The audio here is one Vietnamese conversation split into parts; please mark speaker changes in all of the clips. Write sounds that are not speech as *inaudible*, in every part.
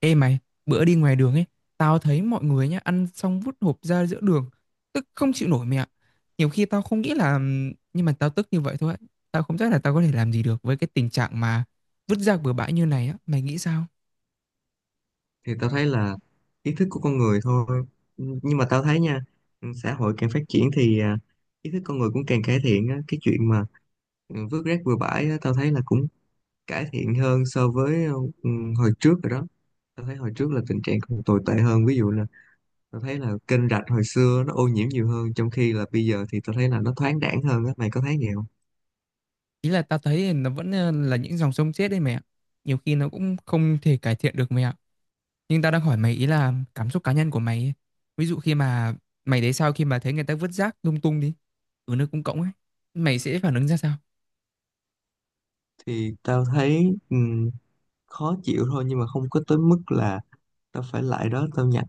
Speaker 1: Ê mày, bữa đi ngoài đường ấy, tao thấy mọi người nhá ăn xong vứt hộp ra giữa đường, tức không chịu nổi mẹ ạ. Nhiều khi tao không nghĩ là nhưng mà tao tức như vậy thôi. Tao không chắc là tao có thể làm gì được với cái tình trạng mà vứt rác bừa bãi như này á, mày nghĩ sao?
Speaker 2: Thì tao thấy là ý thức của con người thôi. Ừ, nhưng mà tao thấy nha, xã hội càng phát triển thì ý thức con người cũng càng cải thiện á. Cái chuyện mà vứt rác bừa bãi á, tao thấy là cũng cải thiện hơn so với ừ, hồi trước rồi đó. Tao thấy hồi trước là tình trạng còn tồi tệ hơn, ví dụ là tao thấy là kênh rạch hồi xưa nó ô nhiễm nhiều hơn, trong khi là bây giờ thì tao thấy là nó thoáng đãng hơn á. Mày có thấy vậy không?
Speaker 1: Ý là tao thấy nó vẫn là những dòng sông chết đấy mẹ ạ. Nhiều khi nó cũng không thể cải thiện được mẹ ạ. Nhưng tao đang hỏi mày ý là cảm xúc cá nhân của mày ấy. Ví dụ khi mà mày thấy sao khi mà thấy người ta vứt rác lung tung đi, ở nơi công cộng ấy, mày sẽ phản ứng ra sao?
Speaker 2: Thì tao thấy khó chịu thôi, nhưng mà không có tới mức là tao phải lại đó tao nhặt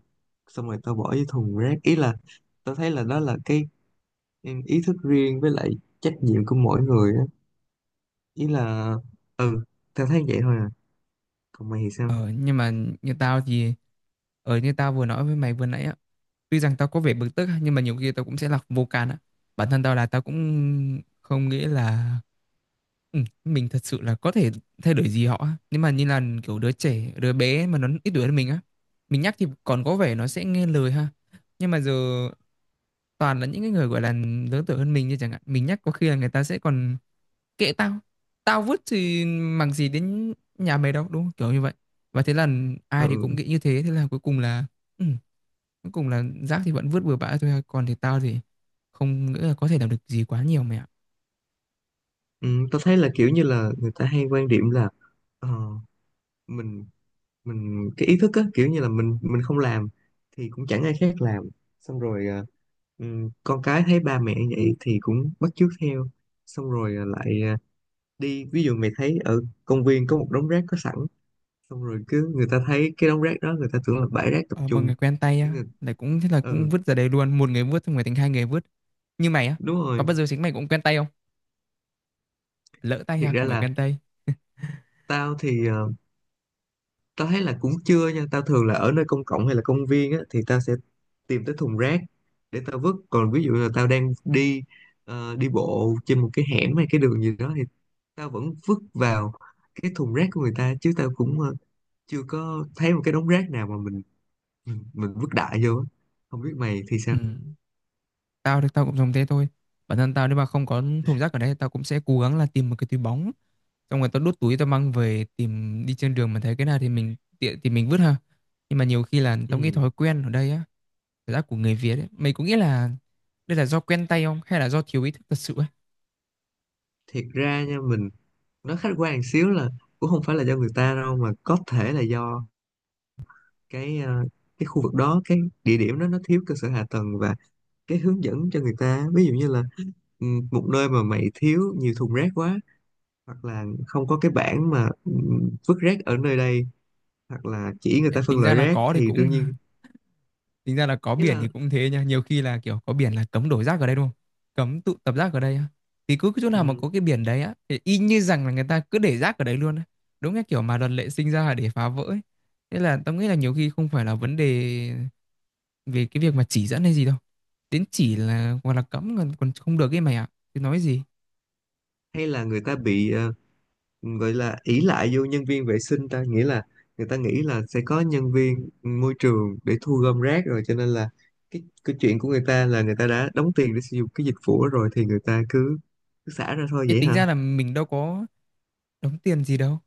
Speaker 2: xong rồi tao bỏ vô thùng rác. Ý là tao thấy là đó là cái ý thức riêng với lại trách nhiệm của mỗi người á. Ý là ừ tao thấy vậy thôi à. Còn mày thì sao?
Speaker 1: Ờ, nhưng mà như tao thì như tao vừa nói với mày vừa nãy á, tuy rằng tao có vẻ bực tức á, nhưng mà nhiều khi tao cũng sẽ là vô can á. Bản thân tao là tao cũng không nghĩ là ừ, mình thật sự là có thể thay đổi gì họ á. Nhưng mà như là kiểu đứa trẻ, đứa bé mà nó ít tuổi hơn mình á, mình nhắc thì còn có vẻ nó sẽ nghe lời ha. Nhưng mà giờ toàn là những cái người gọi là lớn tuổi hơn mình như chẳng hạn, mình nhắc có khi là người ta sẽ còn kệ tao, tao vứt thì mằng gì đến nhà mày đâu đúng không, kiểu như vậy. Và thế là ai thì cũng
Speaker 2: Ừ.
Speaker 1: nghĩ như thế, thế là cuối cùng là ừ, cuối cùng là rác thì vẫn vứt bừa bãi thôi, còn thì tao thì không nghĩ là có thể làm được gì quá nhiều mẹ ạ.
Speaker 2: Ừ, tao thấy là kiểu như là người ta hay quan điểm là ờ, mình mình cái ý thức á, kiểu như là mình không làm thì cũng chẳng ai khác làm. Xong rồi ừ, con cái thấy ba mẹ vậy thì cũng bắt chước theo. Xong rồi đi ví dụ mày thấy ở công viên có một đống rác có sẵn, xong rồi cứ người ta thấy cái đống rác đó người ta tưởng là bãi rác tập
Speaker 1: Ờ, mà
Speaker 2: trung.
Speaker 1: người quen tay
Speaker 2: Cái
Speaker 1: á
Speaker 2: người
Speaker 1: lại cũng thế, là cũng
Speaker 2: Ừ,
Speaker 1: vứt ra đây luôn, một người vứt xong người thành hai người vứt, như mày á,
Speaker 2: đúng
Speaker 1: có
Speaker 2: rồi.
Speaker 1: bao giờ chính mày cũng quen tay không, lỡ tay
Speaker 2: Thiệt
Speaker 1: ha,
Speaker 2: ra
Speaker 1: không phải
Speaker 2: là
Speaker 1: quen tay.
Speaker 2: tao thì tao thấy là cũng chưa nha. Tao thường là ở nơi công cộng hay là công viên á thì tao sẽ tìm tới thùng rác để tao vứt. Còn ví dụ là tao đang đi đi bộ trên một cái hẻm hay cái đường gì đó, thì tao vẫn vứt vào cái thùng rác của người ta, chứ tao cũng chưa có thấy một cái đống rác nào mà mình vứt đại vô á. Không biết mày thì
Speaker 1: Ừ.
Speaker 2: sao?
Speaker 1: Tao thì tao cũng dùng thế thôi, bản thân tao nếu mà không có thùng rác ở đây tao cũng sẽ cố gắng là tìm một cái túi bóng, xong rồi tao đút túi tao mang về, tìm đi trên đường mà thấy cái nào thì mình tiện thì mình vứt ha. Nhưng mà nhiều khi là tao nghĩ
Speaker 2: Ừ,
Speaker 1: thói quen ở đây á, cảm giác của người Việt ấy, mày có nghĩ là đây là do quen tay không hay là do thiếu ý thức thật sự ấy?
Speaker 2: thiệt ra nha, mình nó khách quan một xíu là cũng không phải là do người ta đâu, mà có thể là do cái ờ, cái khu vực đó, cái địa điểm đó nó thiếu cơ sở hạ tầng và cái hướng dẫn cho người ta. Ví dụ như là một nơi mà mày thiếu nhiều thùng rác quá, hoặc là không có cái bảng mà vứt rác ở nơi đây, hoặc là chỉ người
Speaker 1: Ê,
Speaker 2: ta phân
Speaker 1: tính ra
Speaker 2: loại
Speaker 1: là
Speaker 2: rác
Speaker 1: có thì
Speaker 2: thì đương
Speaker 1: cũng
Speaker 2: nhiên.
Speaker 1: *laughs* tính ra là có
Speaker 2: Ý
Speaker 1: biển thì
Speaker 2: là
Speaker 1: cũng thế nha, nhiều khi là kiểu có biển là cấm đổ rác ở đây đúng không, cấm tụ tập rác ở đây á, thì cứ cái chỗ nào mà
Speaker 2: ừ,
Speaker 1: có cái biển đấy á thì y như rằng là người ta cứ để rác ở đấy luôn á, đúng cái kiểu mà luật lệ sinh ra là để phá vỡ ấy. Thế là tao nghĩ là nhiều khi không phải là vấn đề về cái việc mà chỉ dẫn hay gì đâu, đến chỉ là hoặc là cấm còn không được ấy mày ạ, thì nói gì.
Speaker 2: hay là người ta bị vậy là ỷ lại vô nhân viên vệ sinh, ta nghĩa là người ta nghĩ là sẽ có nhân viên môi trường để thu gom rác rồi, cho nên là cái chuyện của người ta là người ta đã đóng tiền để sử dụng cái dịch vụ đó rồi, thì người ta cứ xả ra thôi,
Speaker 1: Ê,
Speaker 2: vậy
Speaker 1: tính
Speaker 2: hả?
Speaker 1: ra là mình đâu có đóng tiền gì đâu,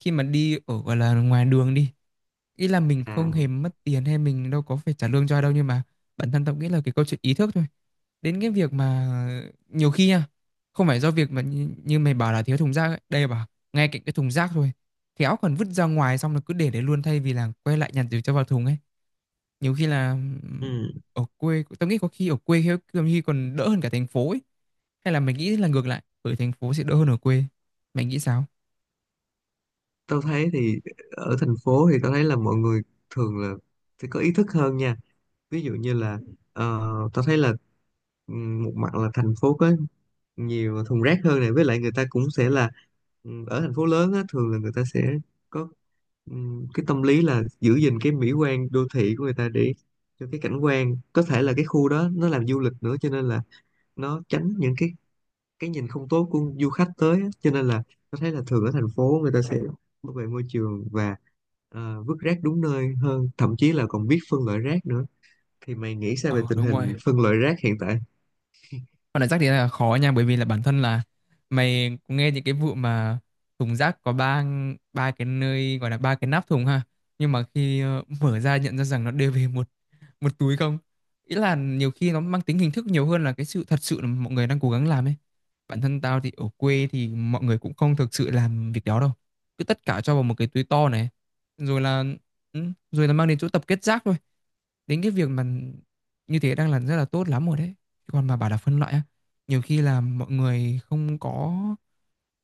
Speaker 1: khi mà đi ở gọi là ngoài đường đi, ý là mình không
Speaker 2: À,
Speaker 1: hề mất tiền hay mình đâu có phải trả lương cho ai đâu, nhưng mà bản thân tao nghĩ là cái câu chuyện ý thức thôi, đến cái việc mà nhiều khi nha, không phải do việc mà như mày bảo là thiếu thùng rác ấy, đây bảo ngay cạnh cái thùng rác thôi khéo còn vứt ra ngoài xong là cứ để đấy luôn thay vì là quay lại nhặt rồi cho vào thùng ấy, nhiều khi là
Speaker 2: ừ.
Speaker 1: ở quê tao nghĩ có khi ở quê khi có khi còn đỡ hơn cả thành phố ấy, hay là mày nghĩ là ngược lại, ở thành phố sẽ đỡ hơn ở quê? Mày nghĩ sao?
Speaker 2: Tao thấy thì ở thành phố thì tao thấy là mọi người thường là sẽ có ý thức hơn nha. Ví dụ như là tao thấy là một mặt là thành phố có nhiều thùng rác hơn này, với lại người ta cũng sẽ là ở thành phố lớn á, thường là người ta sẽ có cái tâm lý là giữ gìn cái mỹ quan đô thị của người ta, để cho cái cảnh quan có thể là cái khu đó nó làm du lịch nữa, cho nên là nó tránh những cái nhìn không tốt của du khách tới á. Cho nên là tôi thấy là thường ở thành phố người ta sẽ bảo vệ môi trường và vứt rác đúng nơi hơn, thậm chí là còn biết phân loại rác nữa. Thì mày nghĩ sao về
Speaker 1: Ờ
Speaker 2: tình
Speaker 1: Đúng
Speaker 2: hình
Speaker 1: rồi,
Speaker 2: phân loại rác hiện tại?
Speaker 1: con này rác thì là khó nha, bởi vì là bản thân là mày cũng nghe những cái vụ mà thùng rác có ba ba cái nơi, gọi là ba cái nắp thùng ha, nhưng mà khi mở ra nhận ra rằng nó đều về một một túi không. Ý là nhiều khi nó mang tính hình thức nhiều hơn là cái sự thật sự là mọi người đang cố gắng làm ấy. Bản thân tao thì ở quê thì mọi người cũng không thực sự làm việc đó đâu, cứ tất cả cho vào một cái túi to này, rồi là ừ, rồi là mang đến chỗ tập kết rác thôi, đến cái việc mà như thế đang là rất là tốt lắm rồi đấy, còn mà bảo là phân loại á nhiều khi là mọi người không có,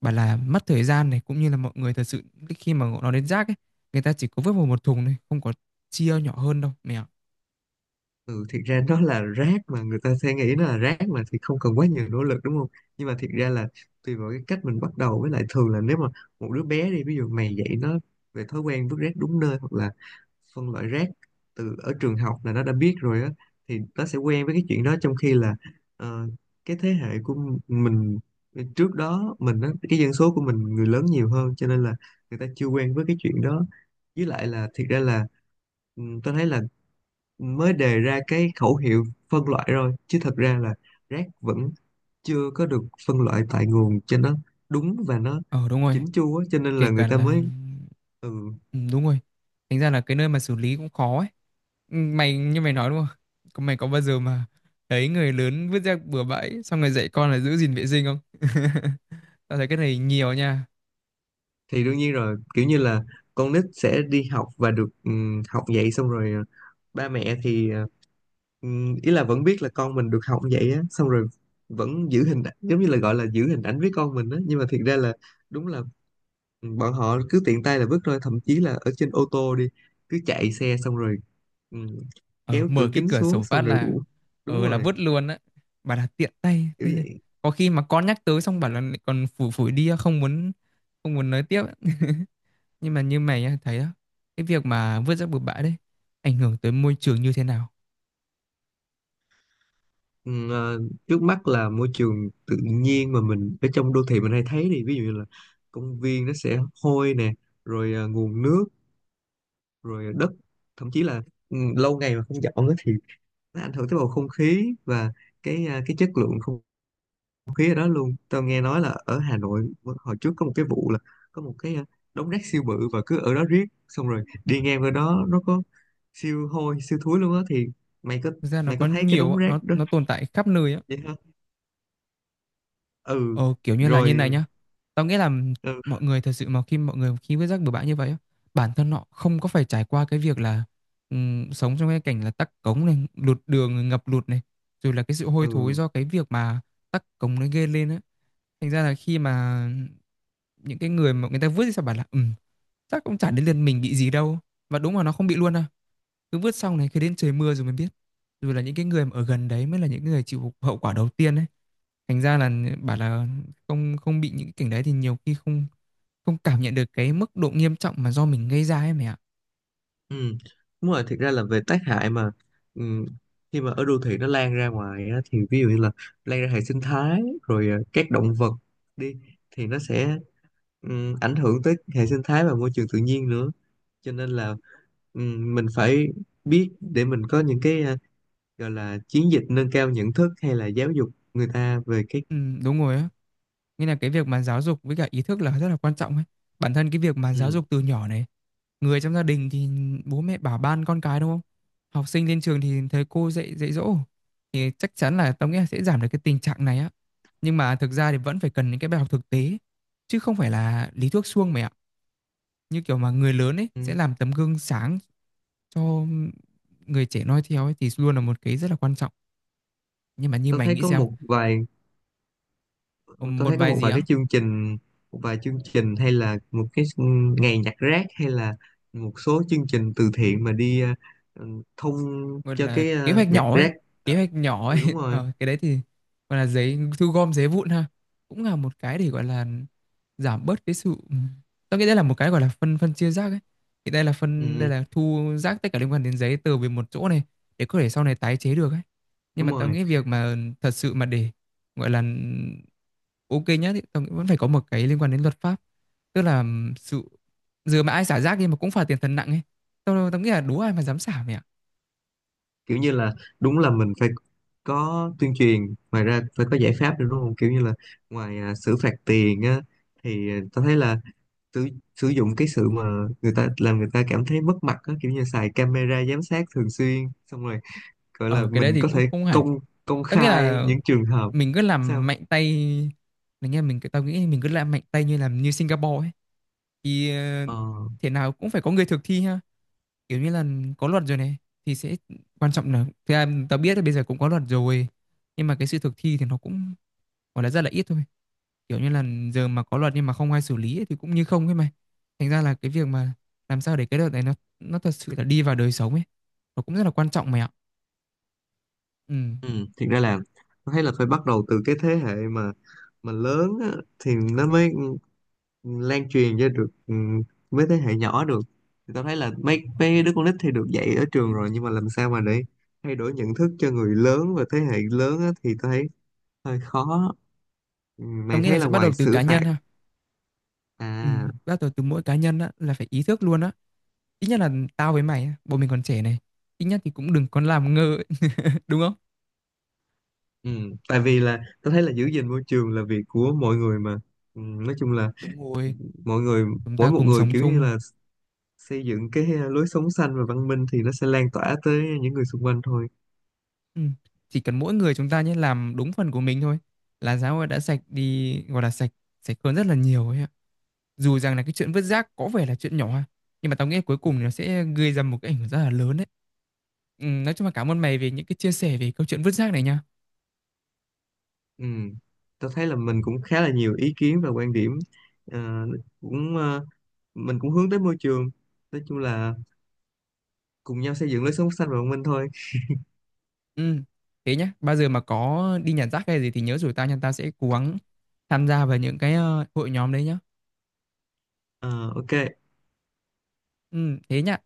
Speaker 1: bảo là mất thời gian này, cũng như là mọi người thật sự khi mà nó đến rác ấy, người ta chỉ có vứt vào một thùng thôi, không có chia nhỏ hơn đâu mẹ ạ.
Speaker 2: Ừ, thiệt ra nó là rác mà người ta sẽ nghĩ nó là rác mà, thì không cần quá nhiều nỗ lực, đúng không? Nhưng mà thiệt ra là tùy vào cái cách mình bắt đầu, với lại thường là nếu mà một đứa bé đi ví dụ mày dạy nó về thói quen vứt rác đúng nơi hoặc là phân loại rác từ ở trường học là nó đã biết rồi á, thì nó sẽ quen với cái chuyện đó. Trong khi là ờ, cái thế hệ của mình trước đó mình á, cái dân số của mình người lớn nhiều hơn, cho nên là người ta chưa quen với cái chuyện đó. Với lại là thiệt ra là tôi thấy là mới đề ra cái khẩu hiệu phân loại rồi, chứ thật ra là rác vẫn chưa có được phân loại tại nguồn cho nó đúng và nó
Speaker 1: Ờ Đúng rồi,
Speaker 2: chỉnh chu á, cho nên
Speaker 1: kể
Speaker 2: là người
Speaker 1: cả
Speaker 2: ta
Speaker 1: là
Speaker 2: mới... Ừ,
Speaker 1: ừ, đúng rồi, thành ra là cái nơi mà xử lý cũng khó ấy. Ừ, mày như mày nói đúng không? Mày có bao giờ mà thấy người lớn vứt rác bừa bãi xong rồi dạy con là giữ gìn vệ sinh không? *laughs* Tao thấy cái này nhiều nha.
Speaker 2: thì đương nhiên rồi, kiểu như là con nít sẽ đi học và được học vậy, xong rồi ba mẹ thì ý là vẫn biết là con mình được học vậy á, xong rồi vẫn giữ hình ảnh, giống như là gọi là giữ hình ảnh với con mình á, nhưng mà thiệt ra là đúng là bọn họ cứ tiện tay là vứt thôi, thậm chí là ở trên ô tô đi, cứ chạy xe xong rồi ừ,
Speaker 1: ờ,
Speaker 2: kéo cửa
Speaker 1: mở cái
Speaker 2: kính
Speaker 1: cửa
Speaker 2: xuống
Speaker 1: sổ phát
Speaker 2: xong rồi
Speaker 1: là
Speaker 2: uổng. Đúng
Speaker 1: là
Speaker 2: rồi,
Speaker 1: vứt luôn á, bảo là tiện tay
Speaker 2: kiểu
Speaker 1: thế thì
Speaker 2: vậy.
Speaker 1: có khi mà con nhắc tới xong bảo là lại còn phủi phủi đi, không muốn nói tiếp. *laughs* Nhưng mà như mày á, thấy á, cái việc mà vứt rác bừa bãi đấy ảnh hưởng tới môi trường như thế nào?
Speaker 2: ừ, ờ, Trước mắt là môi trường tự nhiên mà mình ở trong đô thị mình hay thấy, thì ví dụ như là công viên nó sẽ hôi nè, rồi nguồn nước, rồi đất, thậm chí là lâu ngày mà không dọn á thì nó ảnh hưởng tới bầu không khí và cái chất lượng không không khí ở đó luôn. Tao nghe nói là ở Hà Nội hồi trước có một cái vụ là có một cái đống rác siêu bự và cứ ở đó riết, xong rồi đi ngang qua đó nó có siêu hôi siêu thúi luôn á. Thì mày có
Speaker 1: Thực ra nó
Speaker 2: mày
Speaker 1: có
Speaker 2: có thấy cái
Speaker 1: nhiều
Speaker 2: đống
Speaker 1: á,
Speaker 2: rác
Speaker 1: nó
Speaker 2: đó,
Speaker 1: nó tồn tại khắp nơi á.
Speaker 2: vậy hả? Ừ.
Speaker 1: Ờ, kiểu như là như này
Speaker 2: Rồi.
Speaker 1: nhá. Tao nghĩ là
Speaker 2: Ừ.
Speaker 1: mọi người thật sự mà khi mọi người khi vứt rác bừa bãi như vậy á, bản thân họ không có phải trải qua cái việc là sống trong cái cảnh là tắc cống này, lụt đường, ngập lụt này, rồi là cái sự hôi thối
Speaker 2: Ừ.
Speaker 1: do cái việc mà tắc cống nó gây lên á, thành ra là khi mà những cái người mà người ta vứt thì sao, bảo là ừ chắc cũng chả đến lượt mình bị gì đâu, và đúng là nó không bị luôn đâu, cứ vứt xong này cứ đến trời mưa rồi mới biết, rồi là những cái người mà ở gần đấy mới là những người chịu hậu quả đầu tiên ấy, thành ra là bảo là không, không bị những cái cảnh đấy thì nhiều khi không, không cảm nhận được cái mức độ nghiêm trọng mà do mình gây ra ấy mày ạ.
Speaker 2: Ừ, đúng rồi. Thiệt ra là về tác hại mà ừ, khi mà ở đô thị nó lan ra ngoài á, thì ví dụ như là lan ra hệ sinh thái, rồi các động vật đi, thì nó sẽ ảnh hưởng tới hệ sinh thái và môi trường tự nhiên nữa, cho nên là mình phải biết để mình có những cái gọi là chiến dịch nâng cao nhận thức hay là giáo dục người ta về cái
Speaker 1: Ừ, đúng rồi á. Nghĩa là cái việc mà giáo dục với cả ý thức là rất là quan trọng ấy. Bản thân cái việc mà giáo
Speaker 2: ừm.
Speaker 1: dục từ nhỏ này, người trong gia đình thì bố mẹ bảo ban con cái đúng không? Học sinh lên trường thì thầy cô dạy dạy dỗ, thì chắc chắn là tao nghĩ là sẽ giảm được cái tình trạng này á. Nhưng mà thực ra thì vẫn phải cần những cái bài học thực tế chứ không phải là lý thuyết suông mày ạ. Như kiểu mà người lớn ấy sẽ
Speaker 2: Ừm,
Speaker 1: làm tấm gương sáng cho người trẻ noi theo ấy, thì luôn là một cái rất là quan trọng. Nhưng mà như
Speaker 2: tôi
Speaker 1: mày
Speaker 2: thấy
Speaker 1: nghĩ
Speaker 2: có
Speaker 1: xem, một vài
Speaker 2: một
Speaker 1: gì
Speaker 2: vài
Speaker 1: á,
Speaker 2: cái chương trình, một vài chương trình, hay là một cái ngày nhặt rác, hay là một số chương trình từ thiện mà đi thông
Speaker 1: gọi
Speaker 2: cho
Speaker 1: là
Speaker 2: cái
Speaker 1: kế hoạch
Speaker 2: nhặt
Speaker 1: nhỏ ấy,
Speaker 2: rác.
Speaker 1: kế
Speaker 2: Ờ,
Speaker 1: hoạch nhỏ ấy
Speaker 2: ừ, đúng
Speaker 1: *laughs*
Speaker 2: rồi.
Speaker 1: cái đấy thì gọi là giấy, thu gom giấy vụn ha, cũng là một cái để gọi là giảm bớt cái sự ừ. Tôi nghĩ đây là một cái gọi là phân phân chia rác ấy, thì đây là phân đây
Speaker 2: Ừm,
Speaker 1: là thu rác tất cả liên quan đến giấy từ về một chỗ này để có thể sau này tái chế được ấy. Nhưng
Speaker 2: Đúng
Speaker 1: mà tao
Speaker 2: rồi,
Speaker 1: nghĩ việc mà thật sự mà để gọi là ok nhá, thì tao nghĩ vẫn phải có một cái liên quan đến luật pháp, tức là sự giờ mà ai xả rác đi mà cũng phạt tiền thật nặng ấy, tao tao nghĩ là đố ai mà dám xả mày ạ.
Speaker 2: kiểu như là đúng là mình phải có tuyên truyền, ngoài ra phải có giải pháp nữa, đúng không? Kiểu như là ngoài xử phạt tiền á, thì tao thấy là sử, sử dụng cái sự mà người ta làm người ta cảm thấy mất mặt á, kiểu như xài camera giám sát thường xuyên, xong rồi gọi là
Speaker 1: Ờ, cái đấy
Speaker 2: mình
Speaker 1: thì
Speaker 2: có
Speaker 1: cũng
Speaker 2: thể
Speaker 1: không hẳn.
Speaker 2: công công
Speaker 1: Tất nghĩa
Speaker 2: khai
Speaker 1: là
Speaker 2: những trường hợp...
Speaker 1: mình cứ làm
Speaker 2: Sao?
Speaker 1: mạnh tay, mình nghe mình tao nghĩ mình cứ làm mạnh tay như làm như Singapore ấy, thì
Speaker 2: Ờ.
Speaker 1: thế nào cũng phải có người thực thi ha. Kiểu như là có luật rồi này thì sẽ quan trọng, là thực ra tao biết là bây giờ cũng có luật rồi, nhưng mà cái sự thực thi thì nó cũng gọi là rất là ít thôi. Kiểu như là giờ mà có luật nhưng mà không ai xử lý ấy, thì cũng như không ấy mày. Thành ra là cái việc mà làm sao để cái luật này nó thật sự là đi vào đời sống ấy, nó cũng rất là quan trọng mày ạ. Ừ.
Speaker 2: ừ, Thiệt ra là tao thấy là phải bắt đầu từ cái thế hệ mà lớn á, thì nó mới lan truyền cho được với thế hệ nhỏ được. Thì tao thấy là mấy mấy đứa con nít thì được dạy ở trường rồi, nhưng mà làm sao mà để thay đổi nhận thức cho người lớn và thế hệ lớn á, thì tao thấy hơi khó. Ừ,
Speaker 1: Tao
Speaker 2: mày
Speaker 1: nghĩ là
Speaker 2: thấy là
Speaker 1: sẽ bắt đầu
Speaker 2: ngoài
Speaker 1: từ
Speaker 2: xử
Speaker 1: cá
Speaker 2: phạt
Speaker 1: nhân ha. Ừm,
Speaker 2: à
Speaker 1: bắt đầu từ mỗi cá nhân á, là phải ý thức luôn á. Ít nhất là tao với mày á, bọn mình còn trẻ này, ít nhất thì cũng đừng còn làm ngơ ấy, *laughs* đúng không?
Speaker 2: ừ. Tại vì là tao thấy là giữ gìn môi trường là việc của mọi người mà, nói chung là
Speaker 1: Đúng rồi,
Speaker 2: mọi người,
Speaker 1: chúng
Speaker 2: mỗi
Speaker 1: ta
Speaker 2: một
Speaker 1: cùng
Speaker 2: người,
Speaker 1: sống
Speaker 2: kiểu như
Speaker 1: chung.
Speaker 2: là xây dựng cái lối sống xanh và văn minh thì nó sẽ lan tỏa tới những người xung quanh thôi.
Speaker 1: Ừm, chỉ cần mỗi người chúng ta nhé làm đúng phần của mình thôi là xã hội đã sạch đi, gọi là sạch sạch hơn rất là nhiều ấy ạ. Dù rằng là cái chuyện vứt rác có vẻ là chuyện nhỏ nhưng mà tao nghĩ cuối cùng thì nó sẽ gây ra một cái ảnh hưởng rất là lớn đấy. Nói chung là cảm ơn mày về những cái chia sẻ về câu chuyện vứt rác này nha.
Speaker 2: Ừ. Tôi thấy là mình cũng khá là nhiều ý kiến và quan điểm. Ờ, cũng ờ, mình cũng hướng tới môi trường, nói chung là cùng nhau xây dựng lối sống xanh và văn minh thôi.
Speaker 1: Ừ, thế nhá, bao giờ mà có đi nhặt rác hay gì thì nhớ rủ tao nha, tao sẽ cố gắng tham gia vào những cái hội nhóm đấy nhá.
Speaker 2: Ờ, ok.
Speaker 1: Ừ, thế nhá.